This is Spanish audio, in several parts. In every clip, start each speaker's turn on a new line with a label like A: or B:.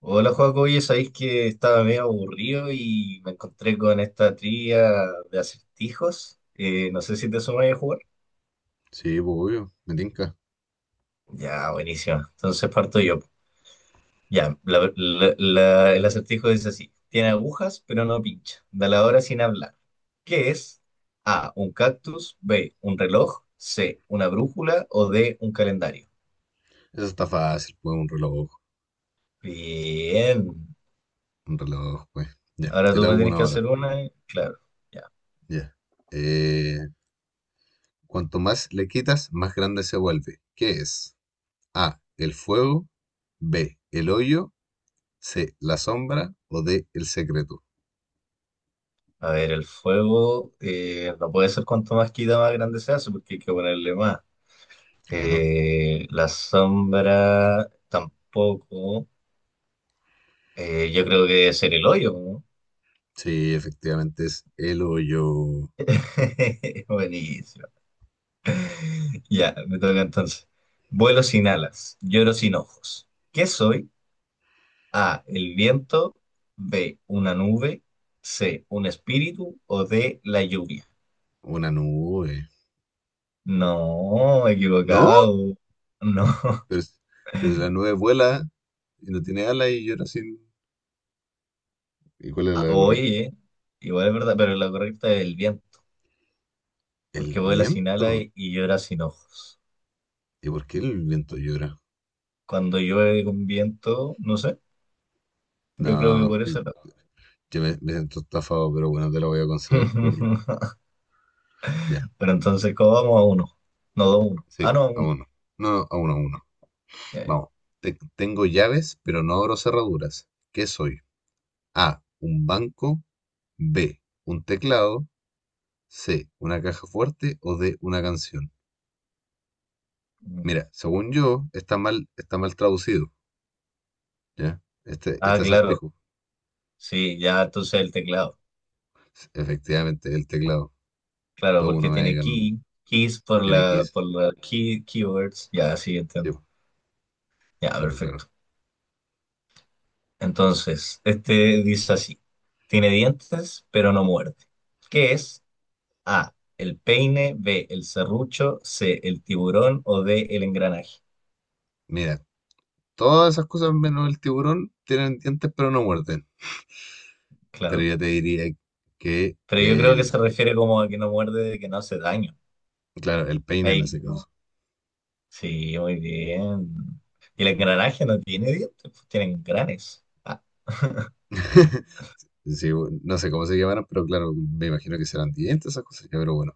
A: Hola Joaco, oye, sabéis que estaba medio aburrido y me encontré con esta trivia de acertijos. No sé si te sumas a jugar.
B: Sí, pues, obvio, me tinca.
A: Ya, buenísimo. Entonces parto yo. Ya, el acertijo dice así: Tiene agujas, pero no pincha. Da la hora sin hablar. ¿Qué es? A, un cactus. B, un reloj. C, una brújula. O D, un calendario.
B: Eso está fácil, pues, un reloj.
A: Bien.
B: Un reloj, pues. Ya,
A: Ahora
B: yo
A: tú
B: te hago
A: me tienes
B: una
A: que
B: hora.
A: hacer una. Claro.
B: Ya. Eh, Cuanto más le quitas, más grande se vuelve. ¿Qué es? A, el fuego. B, el hoyo. C, la sombra. O D, el secreto.
A: A ver, el fuego no puede ser, cuanto más quita más grande se hace porque hay que ponerle más.
B: Claro.
A: La sombra tampoco. Yo creo que debe ser el hoyo, ¿no?
B: Sí, efectivamente es el hoyo.
A: Buenísimo. Ya, me toca entonces. Vuelo sin alas, lloro sin ojos. ¿Qué soy? A, el viento. B, una nube. C, un espíritu. O D, la lluvia.
B: Una nube.
A: No,
B: ¿No?
A: equivocado. No.
B: Pero, pero si la nube vuela y no tiene alas y llora sin... ¿Y cuál es
A: Ah,
B: la correcta?
A: oye, igual es verdad, pero la correcta es el viento,
B: El
A: porque vuela sin ala
B: viento.
A: y llora sin ojos.
B: ¿Y por qué el viento llora?
A: Cuando llueve con viento, no sé, yo creo que
B: No,
A: por eso era.
B: que me siento estafado, pero bueno, te la voy a conceder por... Ya,
A: Pero entonces, ¿cómo vamos a uno? No, dos, uno. Ah,
B: sí,
A: no, a
B: a
A: uno.
B: uno. No, a uno, a uno.
A: Ya, ya.
B: Vamos. Tengo llaves, pero no abro cerraduras. ¿Qué soy? A, un banco. B, un teclado. C, una caja fuerte. O D, una canción.
A: Mm.
B: Mira, según yo, está mal, traducido, ¿ya? Este,
A: Ah,
B: este
A: claro,
B: acertijo.
A: sí, ya entonces el teclado.
B: Efectivamente, el teclado.
A: Claro,
B: Todo uno
A: porque
B: me va a ir
A: tiene
B: ganando.
A: key, keys, por
B: Tiene que
A: la,
B: ir.
A: por la key, keywords. Ya, sí,
B: Sí,
A: entiendo.
B: po,
A: Ya,
B: claro, claro.
A: perfecto. Entonces, este dice así: tiene dientes, pero no muerde. ¿Qué es? A, el peine. B, el serrucho. C, el tiburón. O D, el engranaje.
B: Mira, todas esas cosas menos el tiburón tienen dientes pero no muerden. Pero
A: Claro.
B: yo te diría que
A: Pero yo creo que se refiere como a que no muerde, de que no hace daño.
B: claro, el peine en
A: Ahí
B: ese caso.
A: no. Sí, muy bien. Y el engranaje no tiene dientes, pues tienen granes. Ah.
B: Sí, no sé cómo se llamarán, pero claro, me imagino que serán dientes esas cosas. Ya, pero bueno,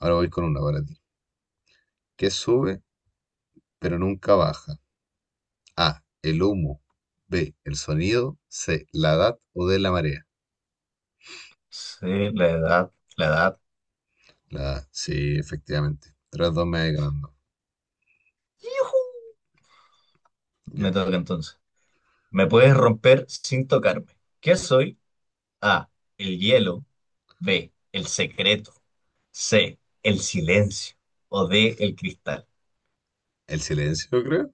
B: ahora voy con una para ti. ¿Qué sube pero nunca baja? A, el humo. B, el sonido. C, la edad o de la marea.
A: Sí, la edad, la edad.
B: La A, sí, efectivamente. Tras dos me voy ganando.
A: ¡Yujú! Me
B: Ya.
A: toca entonces. Me puedes romper sin tocarme. ¿Qué soy? A, el hielo. B, el secreto. C, el silencio. O D, el cristal.
B: El silencio, creo.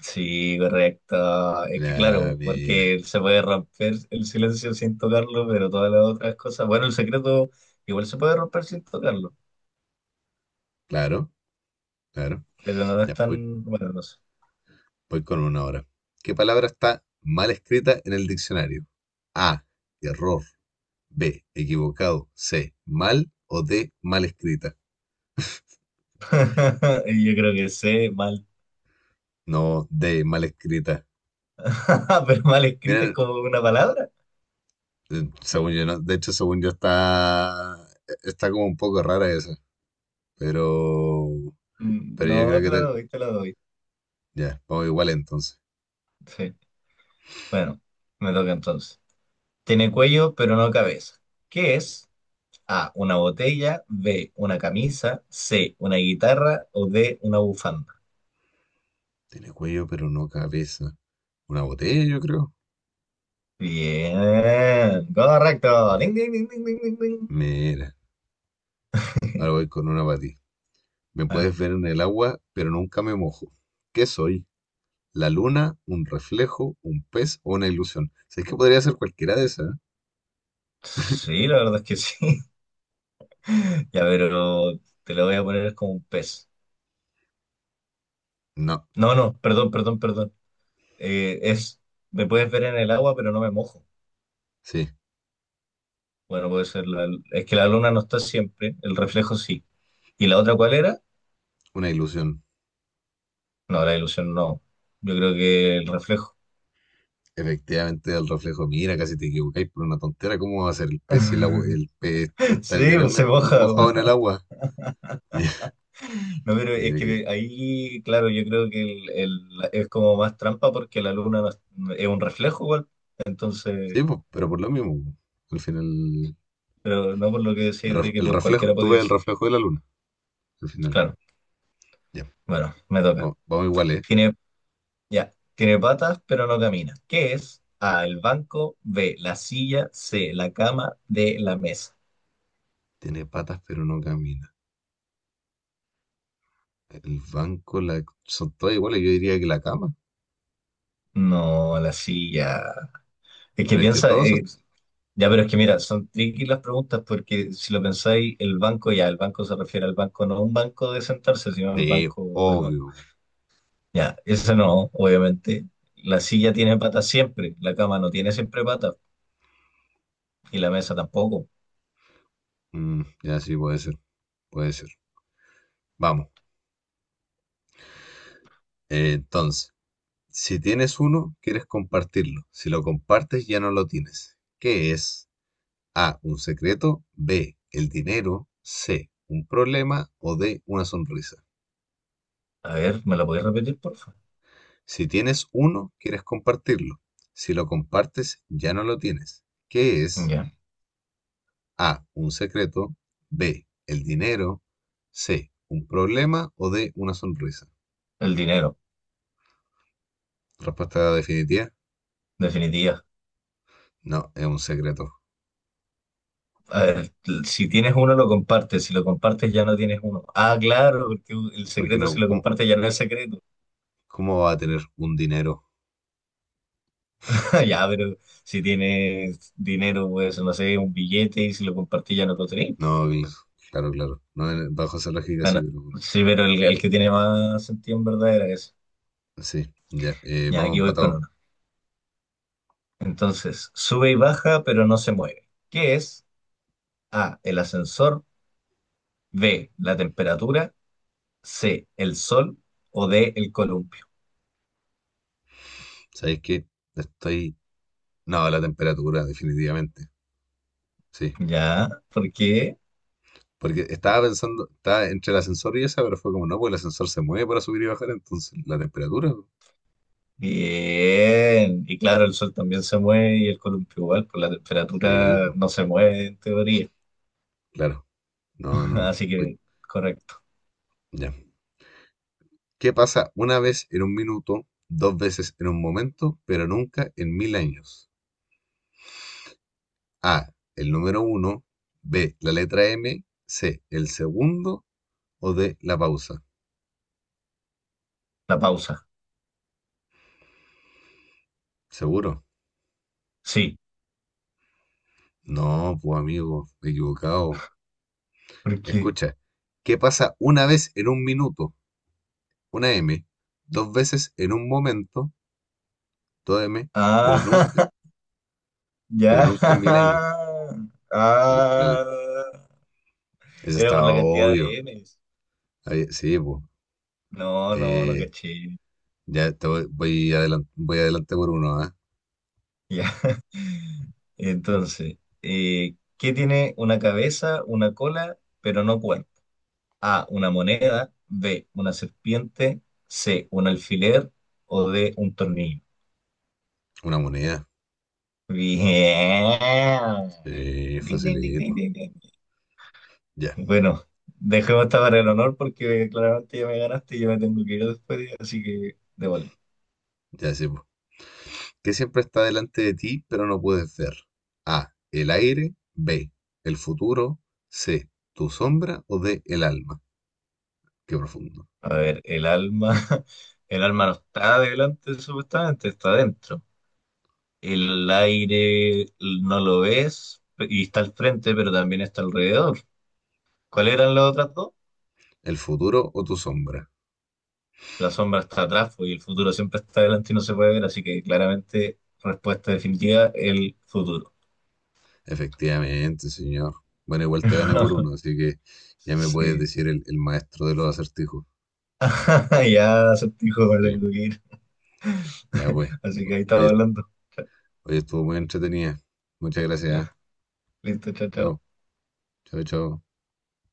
A: Sí, correcto. Es que
B: Ya,
A: claro,
B: mira.
A: porque se puede romper el silencio sin tocarlo, pero todas las otras cosas. Bueno, el secreto igual se puede romper sin tocarlo,
B: Claro, claro.
A: pero no es
B: Ya, voy
A: tan. Bueno, no sé.
B: Voy con una hora. ¿Qué palabra está mal escrita en el diccionario? A. Error. B. Equivocado. C. Mal. O D. Mal escrita.
A: Yo creo que sé mal.
B: No, D. Mal escrita.
A: Pero mal escrita es
B: Miren,
A: como una palabra.
B: según yo, ¿no? De hecho, según yo está como un poco rara esa. Pero,
A: Mm,
B: pero yo
A: no,
B: creo
A: te
B: que
A: la doy, te la doy.
B: ya, vamos igual entonces.
A: Sí. Bueno, me toca entonces. Tiene cuello, pero no cabeza. ¿Qué es? A, una botella. B, una camisa. C, una guitarra. O D, una bufanda.
B: Tiene cuello, pero no cabeza. Una botella, yo creo.
A: Bien, correcto.
B: Y-
A: Ding, ding, ding, ding, ding, ding, ding.
B: Mira, ahora voy con una para ti. Me
A: A ver,
B: puedes ver en el agua, pero nunca me mojo. ¿Qué soy? ¿La luna? ¿Un reflejo? ¿Un pez o una ilusión? ¿Sabes que podría ser cualquiera de esas, eh?
A: sí, la verdad es que sí. Ya, pero te lo voy a poner como un pez.
B: No,
A: No, no, perdón, perdón, perdón. Eh, es, me puedes ver en el agua, pero no me mojo.
B: sí,
A: Bueno, puede ser, es que la luna no está siempre, el reflejo sí. ¿Y la otra cuál era?
B: una ilusión.
A: No, la ilusión no. Yo creo que el reflejo.
B: Efectivamente, el reflejo. Mira, casi te equivocáis por una tontera. ¿Cómo va a ser el pez si el agua, el pez está
A: Sí, pues se
B: literalmente
A: moja,
B: mojado
A: pues.
B: en el agua?
A: No, pero es
B: Mira que-
A: que ahí, claro, yo creo que es como más trampa porque la luna no es, es un reflejo igual.
B: Sí,
A: Entonces,
B: pues, pero por lo mismo, po. Al final,
A: pero no por lo que decís de que
B: el
A: por
B: reflejo,
A: cualquiera
B: tú ves
A: podía
B: el
A: ser.
B: reflejo de la luna. Al final,
A: Claro,
B: ya.
A: bueno, me toca.
B: Vamos, vamos igual, ¿eh?
A: Tiene, ya, tiene patas, pero no camina. ¿Qué es? A, el banco. B, la silla. C, la cama. D, la mesa.
B: Tiene patas, pero no camina. El banco, la, son todas iguales, yo diría que la cama.
A: No, la silla. Es que
B: Pero es que
A: piensa,
B: todos...
A: ya, pero es que mira, son tricky las preguntas, porque si lo pensáis, el banco, ya, el banco se refiere al banco, no a un banco de sentarse, sino al
B: Sí,
A: banco del banco.
B: obvio.
A: Ya, esa no, obviamente. La silla tiene patas siempre, la cama no tiene siempre patas y la mesa tampoco.
B: Ya sí, puede ser, puede ser. Vamos. Entonces, si tienes uno, quieres compartirlo. Si lo compartes, ya no lo tienes. ¿Qué es? A, un secreto. B, el dinero. C, un problema. O D, una sonrisa.
A: A ver, ¿me la podéis repetir, por favor?
B: Si tienes uno, quieres compartirlo. Si lo compartes, ya no lo tienes. ¿Qué es?
A: Ya,
B: A. Un secreto. B. El dinero. C. Un problema. O D. Una sonrisa.
A: el dinero,
B: Respuesta definitiva.
A: definitiva.
B: No, es un secreto.
A: A ver, si tienes uno, lo compartes, si lo compartes, ya no tienes uno. Ah, claro, porque el
B: Porque
A: secreto, si
B: no,
A: lo
B: ¿cómo,
A: compartes, ya no es secreto.
B: cómo va a tener un dinero?
A: Ya, pero si tienes dinero, pues no sé, un billete, y si lo compartís ya no lo tenéis.
B: No, claro, claro. No, bajo esa lógica sí,
A: Bueno,
B: pero bueno.
A: sí, pero el que tiene más sentido en verdad era ese.
B: Sí, ya.
A: Ya,
B: Vamos
A: aquí voy con
B: empatados.
A: uno. Entonces, sube y baja, pero no se mueve. ¿Qué es? A, el ascensor. B, la temperatura. C, el sol. O D, el columpio.
B: ¿Sabéis qué? Estoy. No, la temperatura, definitivamente. Sí.
A: Ya, ¿por qué?
B: Porque estaba pensando, estaba entre el ascensor y esa, pero fue como, no, pues el ascensor se mueve para subir y bajar, entonces la temperatura.
A: Bien. Y claro, el sol también se mueve y el columpio igual, pues la
B: Sí,
A: temperatura
B: pues.
A: no se mueve en teoría.
B: Claro. No, no, no.
A: Así
B: Oye,
A: que, correcto.
B: ya. ¿Qué pasa una vez en un minuto, dos veces en un momento, pero nunca en mil años? A, el número uno, B, la letra M, C, el segundo o D, la pausa.
A: La pausa,
B: ¿Seguro?
A: sí,
B: No, pues amigo, equivocado.
A: porque...
B: Escucha, ¿qué pasa una vez en un minuto? Una M, dos veces en un momento, dos M, pero
A: Ah,
B: nunca, pero
A: ya.
B: nunca en mil años. La- la-
A: Ah,
B: Eso
A: era por
B: estaba
A: la cantidad
B: obvio.
A: de M's.
B: Sí, pues.
A: No, no, no
B: Eh,
A: caché.
B: ya te voy adelante, voy adelante por uno, ¿ah?
A: Ya. Entonces, ¿qué tiene una cabeza, una cola, pero no cuerpo? A, una moneda. B, una serpiente. C, un alfiler. O D, un tornillo.
B: Una moneda.
A: Bien.
B: Sí,
A: Ding, ding, ding, ding,
B: facilito.
A: ding, ding.
B: Ya,
A: Bueno, dejemos esta para el honor, porque claramente ya me ganaste y yo me tengo que ir después, así que démosle.
B: ya sé, po. ¿Qué siempre está delante de ti, pero no puedes ver? A. El aire. B. El futuro. C. Tu sombra o D. El alma. Qué profundo.
A: A ver, el alma, el alma no está delante, supuestamente, está adentro. El aire no lo ves y está al frente, pero también está alrededor. ¿Cuáles eran las otras dos?
B: El futuro o tu sombra.
A: La sombra está atrás, pues, y el futuro siempre está delante y no se puede ver, así que claramente, respuesta definitiva, el futuro.
B: Efectivamente, señor. Bueno, igual te gané por uno, así que ya me puedes
A: Sí.
B: decir el maestro de los acertijos.
A: Ya, acertijo, me
B: Sí,
A: tengo que ir.
B: ya pues.
A: Así que ahí
B: Oye,
A: estaba hablando. Cha-
B: oye, estuvo muy entretenida. Muchas
A: Ya,
B: gracias, ¿ah?
A: listo, chao, chao.
B: Chao. Chao, chao.